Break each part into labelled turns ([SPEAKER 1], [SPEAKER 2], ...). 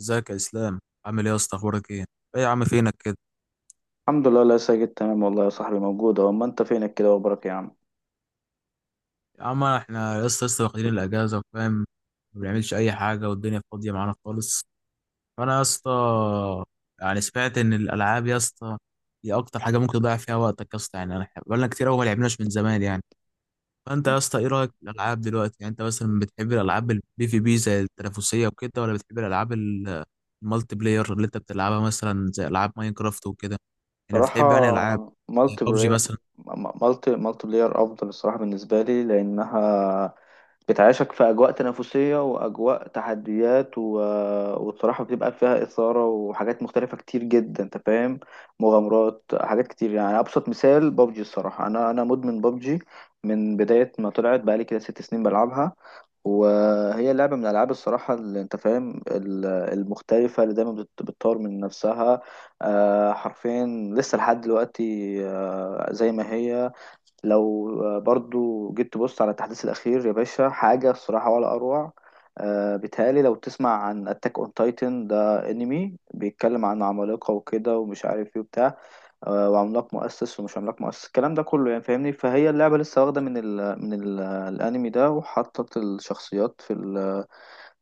[SPEAKER 1] ازيك يا اسلام؟ عامل ايه يا اسطى؟ اخبارك ايه؟ ايه يا عم فينك كده؟
[SPEAKER 2] الحمد لله، لا ساجد، تمام والله يا صاحبي، موجود اهو. ما انت فينك كده وبرك يا عم؟
[SPEAKER 1] يا عم احنا يا اسطى لسه واخدين الاجازه، فاهم؟ ما بنعملش اي حاجه والدنيا فاضيه معانا خالص. فانا يا اسطى سمعت ان الالعاب يا اسطى هي اكتر حاجه ممكن تضيع فيها وقتك يا اسطى، انا إحنا بقالنا كتير قوي ما لعبناش من زمان يعني. فانت يا اسطى ايه رايك في الالعاب دلوقتي؟ يعني انت مثلا بتحب الالعاب البي في بي زي التنافسيه وكده، ولا بتحب الالعاب المالتي بلاير اللي انت بتلعبها مثلا زي العاب ماينكرافت وكده؟ يعني
[SPEAKER 2] بصراحة،
[SPEAKER 1] بتحب يعني العاب
[SPEAKER 2] مالتي
[SPEAKER 1] ببجي
[SPEAKER 2] بلاير
[SPEAKER 1] مثلا؟
[SPEAKER 2] مالتي بلاير افضل الصراحة بالنسبة لي لانها بتعيشك في اجواء تنافسية واجواء تحديات والصراحة بتبقى فيها اثارة وحاجات مختلفة كتير جدا. انت فاهم؟ مغامرات، حاجات كتير. يعني ابسط مثال ببجي. الصراحة انا مدمن ببجي، من بداية ما طلعت بقالي كده 6 سنين بلعبها. وهي لعبة من الألعاب، الصراحة، اللي أنت فاهم المختلفة، اللي دايما بتطور من نفسها. حرفيا لسه لحد دلوقتي، زي ما هي. لو برضو جيت تبص على التحديث الأخير يا باشا، حاجة الصراحة ولا أروع. بيتهيألي لو تسمع عن أتاك أون تايتن، ده أنمي بيتكلم عن عمالقة وكده ومش عارف ايه وبتاع. وعملاق مؤسس ومش عملاق مؤسس، الكلام ده كله، يعني فاهمني. فهي اللعبة لسه واخدة من الأنمي ده، وحطت الشخصيات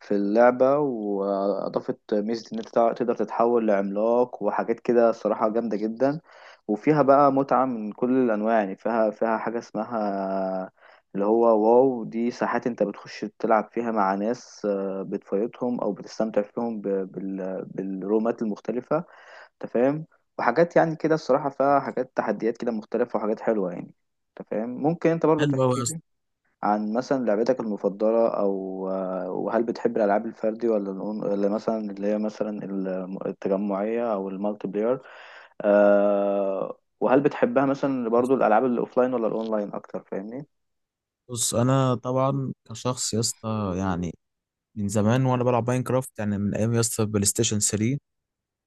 [SPEAKER 2] في اللعبة، وأضافت ميزة إن أنت تقدر تتحول لعملاق وحاجات كده، صراحة جامدة جدا. وفيها بقى متعة من كل الأنواع. يعني فيها حاجة اسمها اللي هو، واو، دي ساحات انت بتخش تلعب فيها مع ناس، بتفايتهم او بتستمتع فيهم بالرومات المختلفة. انت فاهم؟ وحاجات يعني كده، الصراحة فيها حاجات تحديات كده مختلفة وحاجات حلوة يعني. انت فاهم؟ ممكن انت برضو
[SPEAKER 1] حلوه.
[SPEAKER 2] تحكي لي عن مثلا لعبتك المفضلة، او وهل بتحب الالعاب الفردي ولا ولا مثلا اللي هي مثلا التجمعية او المالتي بلاير. وهل بتحبها مثلا
[SPEAKER 1] بص،
[SPEAKER 2] برضو الالعاب الاوفلاين ولا الاونلاين اكتر، فاهمني؟
[SPEAKER 1] بص، انا طبعا كشخص يا اسطى يعني من زمان وانا بلعب ماينكرافت، يعني من ايام يا اسطى بلاي ستيشن 3.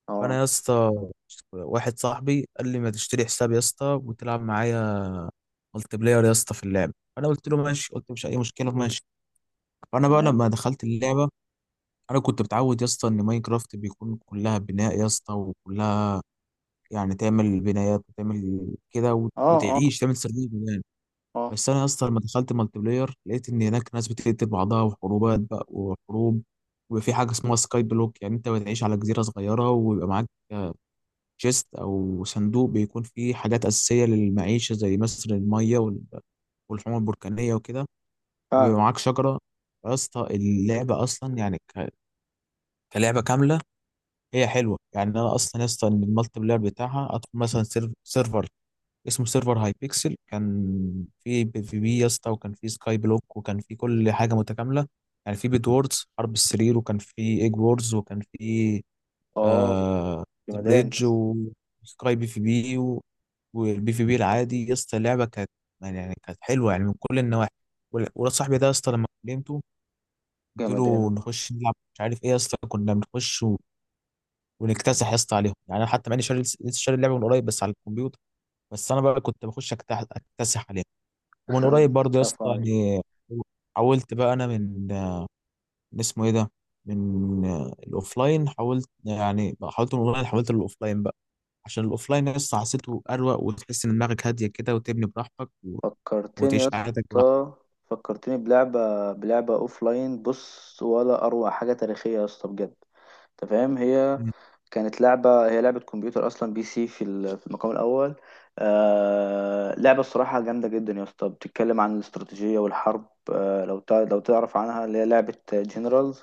[SPEAKER 2] اه،
[SPEAKER 1] فانا يا اسطى واحد صاحبي قال لي ما تشتري حساب يا اسطى وتلعب معايا ملتي بلاير يا اسطى في اللعب. فانا قلت له ماشي، قلت مش اي مشكله، ماشي. فانا بقى
[SPEAKER 2] تمام.
[SPEAKER 1] لما دخلت اللعبه، انا كنت متعود يا اسطى ان ماينكرافت بيكون كلها بناء يا اسطى، وكلها يعني تعمل بنايات وتعمل كده
[SPEAKER 2] اه، اه،
[SPEAKER 1] وتعيش، تعمل سيرفيس.
[SPEAKER 2] اه.
[SPEAKER 1] بس انا اصلا لما دخلت مالتي بلاير لقيت ان هناك ناس بتقتل بعضها وحروبات بقى وحروب، ويبقى في حاجه اسمها سكاي بلوك، يعني انت بتعيش على جزيره صغيره ويبقى معاك تشيست او صندوق بيكون فيه حاجات اساسيه للمعيشه زي مثلا الميه والحمم البركانيه وكده، وبيبقى
[SPEAKER 2] فعلا.
[SPEAKER 1] معاك شجره. يا اسطى اللعبه اصلا كلعبه كامله هي حلوه. يعني انا اصلا يا اسطى إن المالتي بلاير بتاعها ادخل مثلا سيرفر اسمه سيرفر هاي بيكسل، كان في بي في بي يا اسطى، وكان في سكاي بلوك، وكان في كل حاجه متكامله. يعني في بيد ووردز حرب السرير، وكان في ايج ووردز، وكان في
[SPEAKER 2] اه،
[SPEAKER 1] آه
[SPEAKER 2] جمدان،
[SPEAKER 1] بريدج
[SPEAKER 2] بس
[SPEAKER 1] وسكاي بي في بي والبي في بي العادي. يا اسطى اللعبه كانت يعني كانت حلوه يعني من كل النواحي. ولاد صاحبي ده يا اسطى لما كلمته قلت له
[SPEAKER 2] جمدان.
[SPEAKER 1] نخش نلعب، مش عارف ايه يا اسطى، كنا بنخش ونكتسح يا اسطى عليهم. يعني انا حتى ماني شاري، لسه شاري اللعبه من قريب بس على الكمبيوتر. بس انا بقى كنت بخش اكتسح عليهم ومن قريب برضه يا اسطى
[SPEAKER 2] كفو عليك.
[SPEAKER 1] يعني. حولت بقى انا من من اسمه ايه ده من الاوفلاين، حولت يعني حولت من الاونلاين حولت للاوفلاين بقى، عشان الاوفلاين يا اسطى حسيته اروق، وتحس ان دماغك هاديه كده وتبني براحتك
[SPEAKER 2] فكرتني يا
[SPEAKER 1] وتعيش حياتك براحتك.
[SPEAKER 2] اسطى فكرتني بلعبة اوف لاين، بص، ولا اروع حاجة تاريخية يا اسطى بجد. انت فاهم، هي لعبة كمبيوتر أصلا، بي سي في المقام الأول. لعبة الصراحة جامدة جدا يا اسطى، بتتكلم عن الاستراتيجية والحرب. لو تعرف عنها، اللي هي لعبة جنرالز.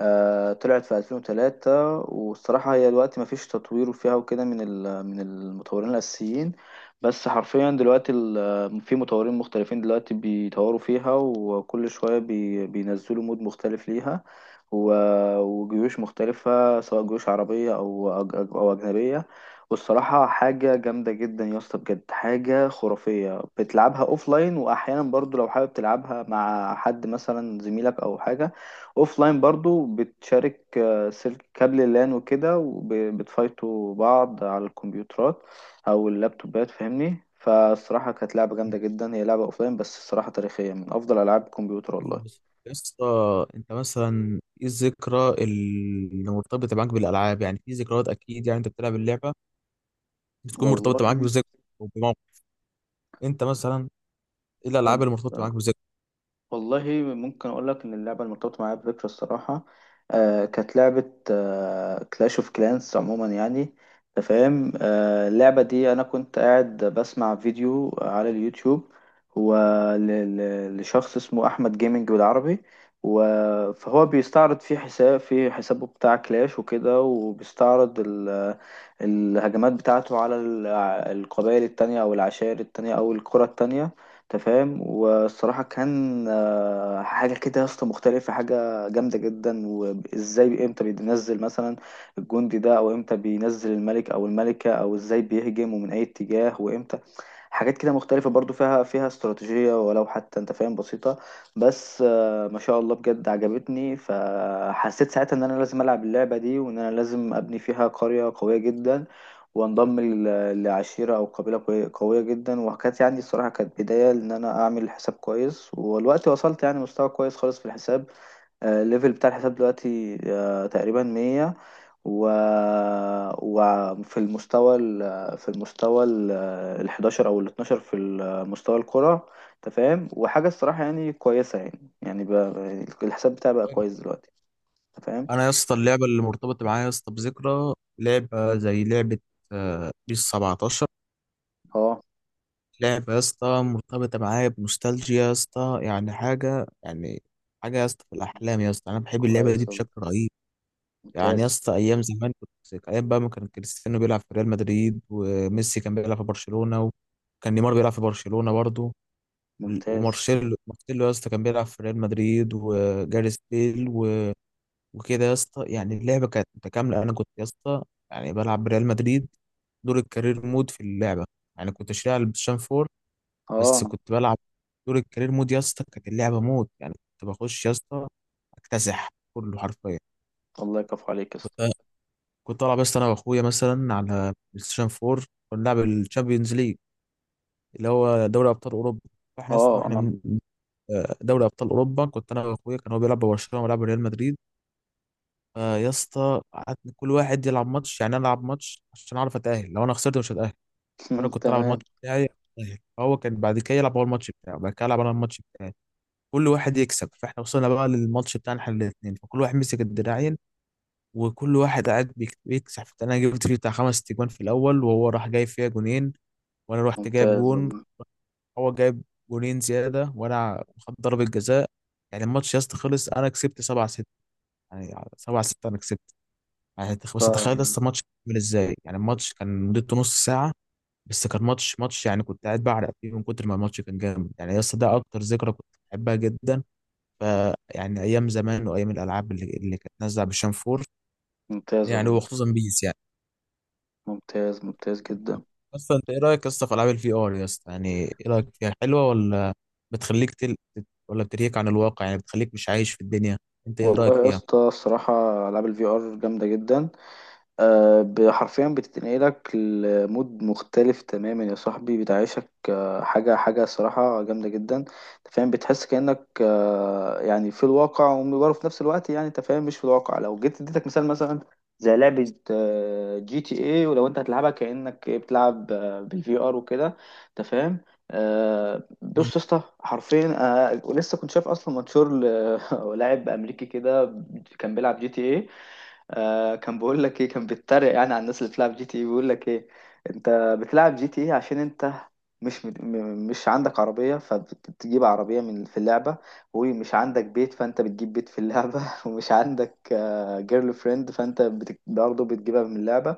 [SPEAKER 2] طلعت في 2003، والصراحة هي دلوقتي مفيش تطوير فيها وكده من المطورين الأساسيين. بس حرفيا دلوقتي في مطورين مختلفين دلوقتي بيطوروا فيها، وكل شوية بينزلوا مود مختلف ليها، وجيوش مختلفة سواء جيوش عربية، أو أجنبية. والصراحة حاجة جامدة جدا يا اسطى بجد، حاجة خرافية، بتلعبها أوفلاين. وأحيانا برضو لو حابب تلعبها مع حد مثلا، زميلك أو حاجة، أوفلاين برضو بتشارك سلك كابل اللان وكده، وبتفايتوا بعض على الكمبيوترات أو اللابتوبات، فاهمني. فالصراحة كانت لعبة جامدة جدا، هي لعبة أوفلاين بس الصراحة تاريخية، من أفضل ألعاب الكمبيوتر
[SPEAKER 1] بس يا اسطى انت مثلا ايه الذكرى اللي مرتبطه معاك بالالعاب؟ يعني في ذكريات اكيد، يعني انت بتلعب اللعبه بتكون
[SPEAKER 2] والله
[SPEAKER 1] مرتبطه معاك بذكرى او بموقف. انت مثلا ايه الالعاب
[SPEAKER 2] كنت
[SPEAKER 1] اللي مرتبطه معاك بذكرى؟
[SPEAKER 2] والله ممكن اقول لك ان اللعبه المرتبطه معايا بذكرى الصراحه. كانت لعبه كلاش اوف كلانس عموما يعني. انت فاهم؟ اللعبه دي انا كنت قاعد بسمع فيديو على اليوتيوب، هو لشخص اسمه احمد جيمنج بالعربي. فهو بيستعرض في حسابه بتاع كلاش وكده، وبيستعرض الهجمات بتاعته على القبائل التانية، او العشائر التانية، او القرى التانية. انت فاهم؟ والصراحه كان حاجه كده يا اسطى مختلفه، حاجه جامده جدا. وازاي امتى بينزل مثلا الجندي ده، او امتى بينزل الملك او الملكه، او ازاي بيهجم ومن اي اتجاه وامتى، حاجات كده مختلفة برضو، فيها استراتيجية ولو حتى، انت فاهم، بسيطة. بس ما شاء الله بجد عجبتني، فحسيت ساعتها ان انا لازم العب اللعبة دي، وان انا لازم ابني فيها قرية قوية جدا، وانضم لعشيرة او قبيلة قوية جدا. وكانت يعني الصراحة كانت بداية ان انا اعمل حساب كويس، والوقت وصلت يعني مستوى كويس خالص في الحساب. الليفل بتاع الحساب دلوقتي تقريبا 100. و... في المستوى ال 11 او ال 12 في مستوى الكرة. انت فاهم؟ وحاجة الصراحة يعني كويسة يعني بقى، الحساب بتاعي بقى كويس دلوقتي. انت فاهم؟
[SPEAKER 1] انا يا اسطى اللعبه اللي مرتبطه معايا يا اسطى بذكرى لعبه زي لعبه بيس 17،
[SPEAKER 2] اه،
[SPEAKER 1] لعبه يا اسطى مرتبطه معايا بنوستالجيا يا اسطى، يعني حاجه، يعني حاجه يا اسطى في الاحلام يا اسطى. انا بحب اللعبه دي
[SPEAKER 2] كويس والله.
[SPEAKER 1] بشكل رهيب. يعني يا
[SPEAKER 2] ممتاز،
[SPEAKER 1] اسطى ايام زمان كنت ايام بقى ما كان كريستيانو بيلعب في ريال مدريد، وميسي كان بيلعب في برشلونه، وكان نيمار بيلعب في برشلونه برضه،
[SPEAKER 2] ممتاز.
[SPEAKER 1] ومارسيلو، مارسيلو يا اسطى كان بيلعب في ريال مدريد، وجاريث بيل وكده يا اسطى. يعني اللعبه كانت متكامله، انا كنت يا اسطى يعني بلعب بريال مدريد دور الكارير مود في اللعبه، يعني كنت شاري على البلايستيشن 4، بس
[SPEAKER 2] اه،
[SPEAKER 1] كنت بلعب دور الكارير مود يا اسطى. كانت اللعبه مود، يعني كنت بخش يا اسطى اكتسح كله حرفيا.
[SPEAKER 2] الله يكفو عليك يا اسطى.
[SPEAKER 1] كنت كنت العب يا اسطى انا واخويا مثلا على بلايستيشن 4، كنا بنلعب الشامبيونز ليج اللي هو دوري ابطال اوروبا. فاحنا يا اسطى
[SPEAKER 2] اه،
[SPEAKER 1] واحنا
[SPEAKER 2] اه.
[SPEAKER 1] من آه، دوري ابطال اوروبا، كنت انا واخويا، كان هو بيلعب ببرشلونه وبيلعب ريال مدريد. فيا اسطى قعدنا كل واحد يلعب ماتش، يعني انا العب ماتش عشان اعرف اتاهل، لو انا خسرت مش هتاهل. انا كنت العب
[SPEAKER 2] تمام.
[SPEAKER 1] الماتش بتاعي أتأهل. فهو كان بعد كده يلعب هو الماتش بتاعه، بعد كده العب انا الماتش بتاعي، كل واحد يكسب. فاحنا وصلنا بقى للماتش بتاعنا احنا الاثنين، فكل واحد مسك الدراعين وكل واحد قاعد بيكسب. انا جبت فيه بتاع خمس تجوان في الاول، وهو راح جايب فيها جونين، وانا رحت جايب
[SPEAKER 2] ممتاز
[SPEAKER 1] جون،
[SPEAKER 2] والله.
[SPEAKER 1] هو جايب جونين زياده وانا خدت ضربه جزاء. يعني الماتش يا اسطى خلص، انا كسبت 7-6، يعني 7-6 انا كسبت. يعني بس
[SPEAKER 2] آه،
[SPEAKER 1] تخيل لسه ماتش عامل ازاي! يعني الماتش كان مدته نص ساعة بس كان ماتش، يعني كنت قاعد بعرق فيه من كتر ما الماتش كان جامد. يعني لسه ده اكتر ذكرى كنت بحبها جدا. ف يعني ايام زمان وايام الالعاب اللي كانت نازلة بالشنفور،
[SPEAKER 2] ممتاز
[SPEAKER 1] يعني
[SPEAKER 2] والله يا اسطى.
[SPEAKER 1] وخصوصا بيس يعني.
[SPEAKER 2] ممتاز، ممتاز جدا.
[SPEAKER 1] بس انت ايه رايك يا اسطى في العاب الفي ار يا اسطى؟ يعني ايه رايك فيها، حلوة، ولا بتخليك تل... ولا بتريك عن الواقع، يعني بتخليك مش عايش في الدنيا؟ انت ايه رايك
[SPEAKER 2] والله يا
[SPEAKER 1] فيها؟
[SPEAKER 2] اسطى، الصراحة ألعاب الفي ار جامدة جدا. حرفيا بتتنقلك لمود مختلف تماما يا صاحبي، بتعيشك حاجة صراحة جامدة جدا. انت فاهم؟ بتحس كأنك يعني في الواقع ومبره في نفس الوقت، يعني انت فاهم، مش في الواقع. لو جيت اديتك مثال، مثلا زي لعبة جي تي اي، ولو انت هتلعبها كأنك بتلعب بالفي ار وكده. انت فاهم؟ بص يا اسطى، حرفيا ولسه كنت شايف اصلا منشور لاعب امريكي كده كان بيلعب جي تي اي. كان بيقول لك ايه، كان بيتريق يعني على الناس اللي بتلعب جي تي ايه، بيقول لك ايه، انت بتلعب جي تي ايه عشان انت مش مد... م- مش عندك عربية، فبتجيب عربية من في اللعبة. ومش عندك بيت فانت بتجيب بيت في اللعبة. ومش عندك جيرل فريند فانت برضه بتجيبها من اللعبة.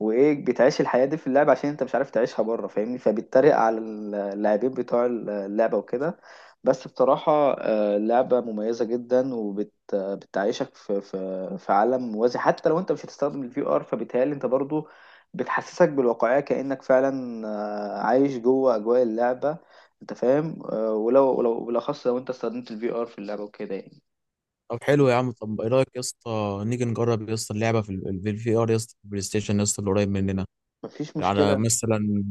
[SPEAKER 2] وايه، بتعيش الحياه دي في اللعب عشان انت مش عارف تعيشها بره، فاهمني. فبتتريق على اللاعبين بتوع اللعبه وكده. بس بصراحه، لعبه مميزه جدا، وبتعيشك في عالم موازي. حتى لو انت مش هتستخدم الفي ار، فبيتهيألي انت برضو بتحسسك بالواقعيه كانك فعلا عايش جوه اجواء اللعبه. انت فاهم؟ ولو بالاخص لو انت استخدمت الفي ار في اللعبه وكده يعني.
[SPEAKER 1] طب حلو يا عم، طب ايه رايك يا اسطى نيجي نجرب يا اسطى اللعبه في الفي ار يا اسطى في البلاي ستيشن يا اسطى اللي قريب مننا،
[SPEAKER 2] مفيش
[SPEAKER 1] على
[SPEAKER 2] مشكله،
[SPEAKER 1] مثلا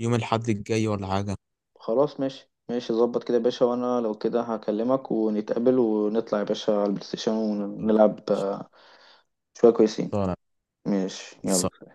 [SPEAKER 1] يوم الاحد الجاي ولا حاجه؟
[SPEAKER 2] خلاص ماشي. ماشي، ظبط كده يا باشا. وانا لو كده هكلمك ونتقابل ونطلع يا باشا على البلاي ستيشن ونلعب شوية كويسين.
[SPEAKER 1] خلصانه.
[SPEAKER 2] ماشي،
[SPEAKER 1] خلصانه.
[SPEAKER 2] يلا.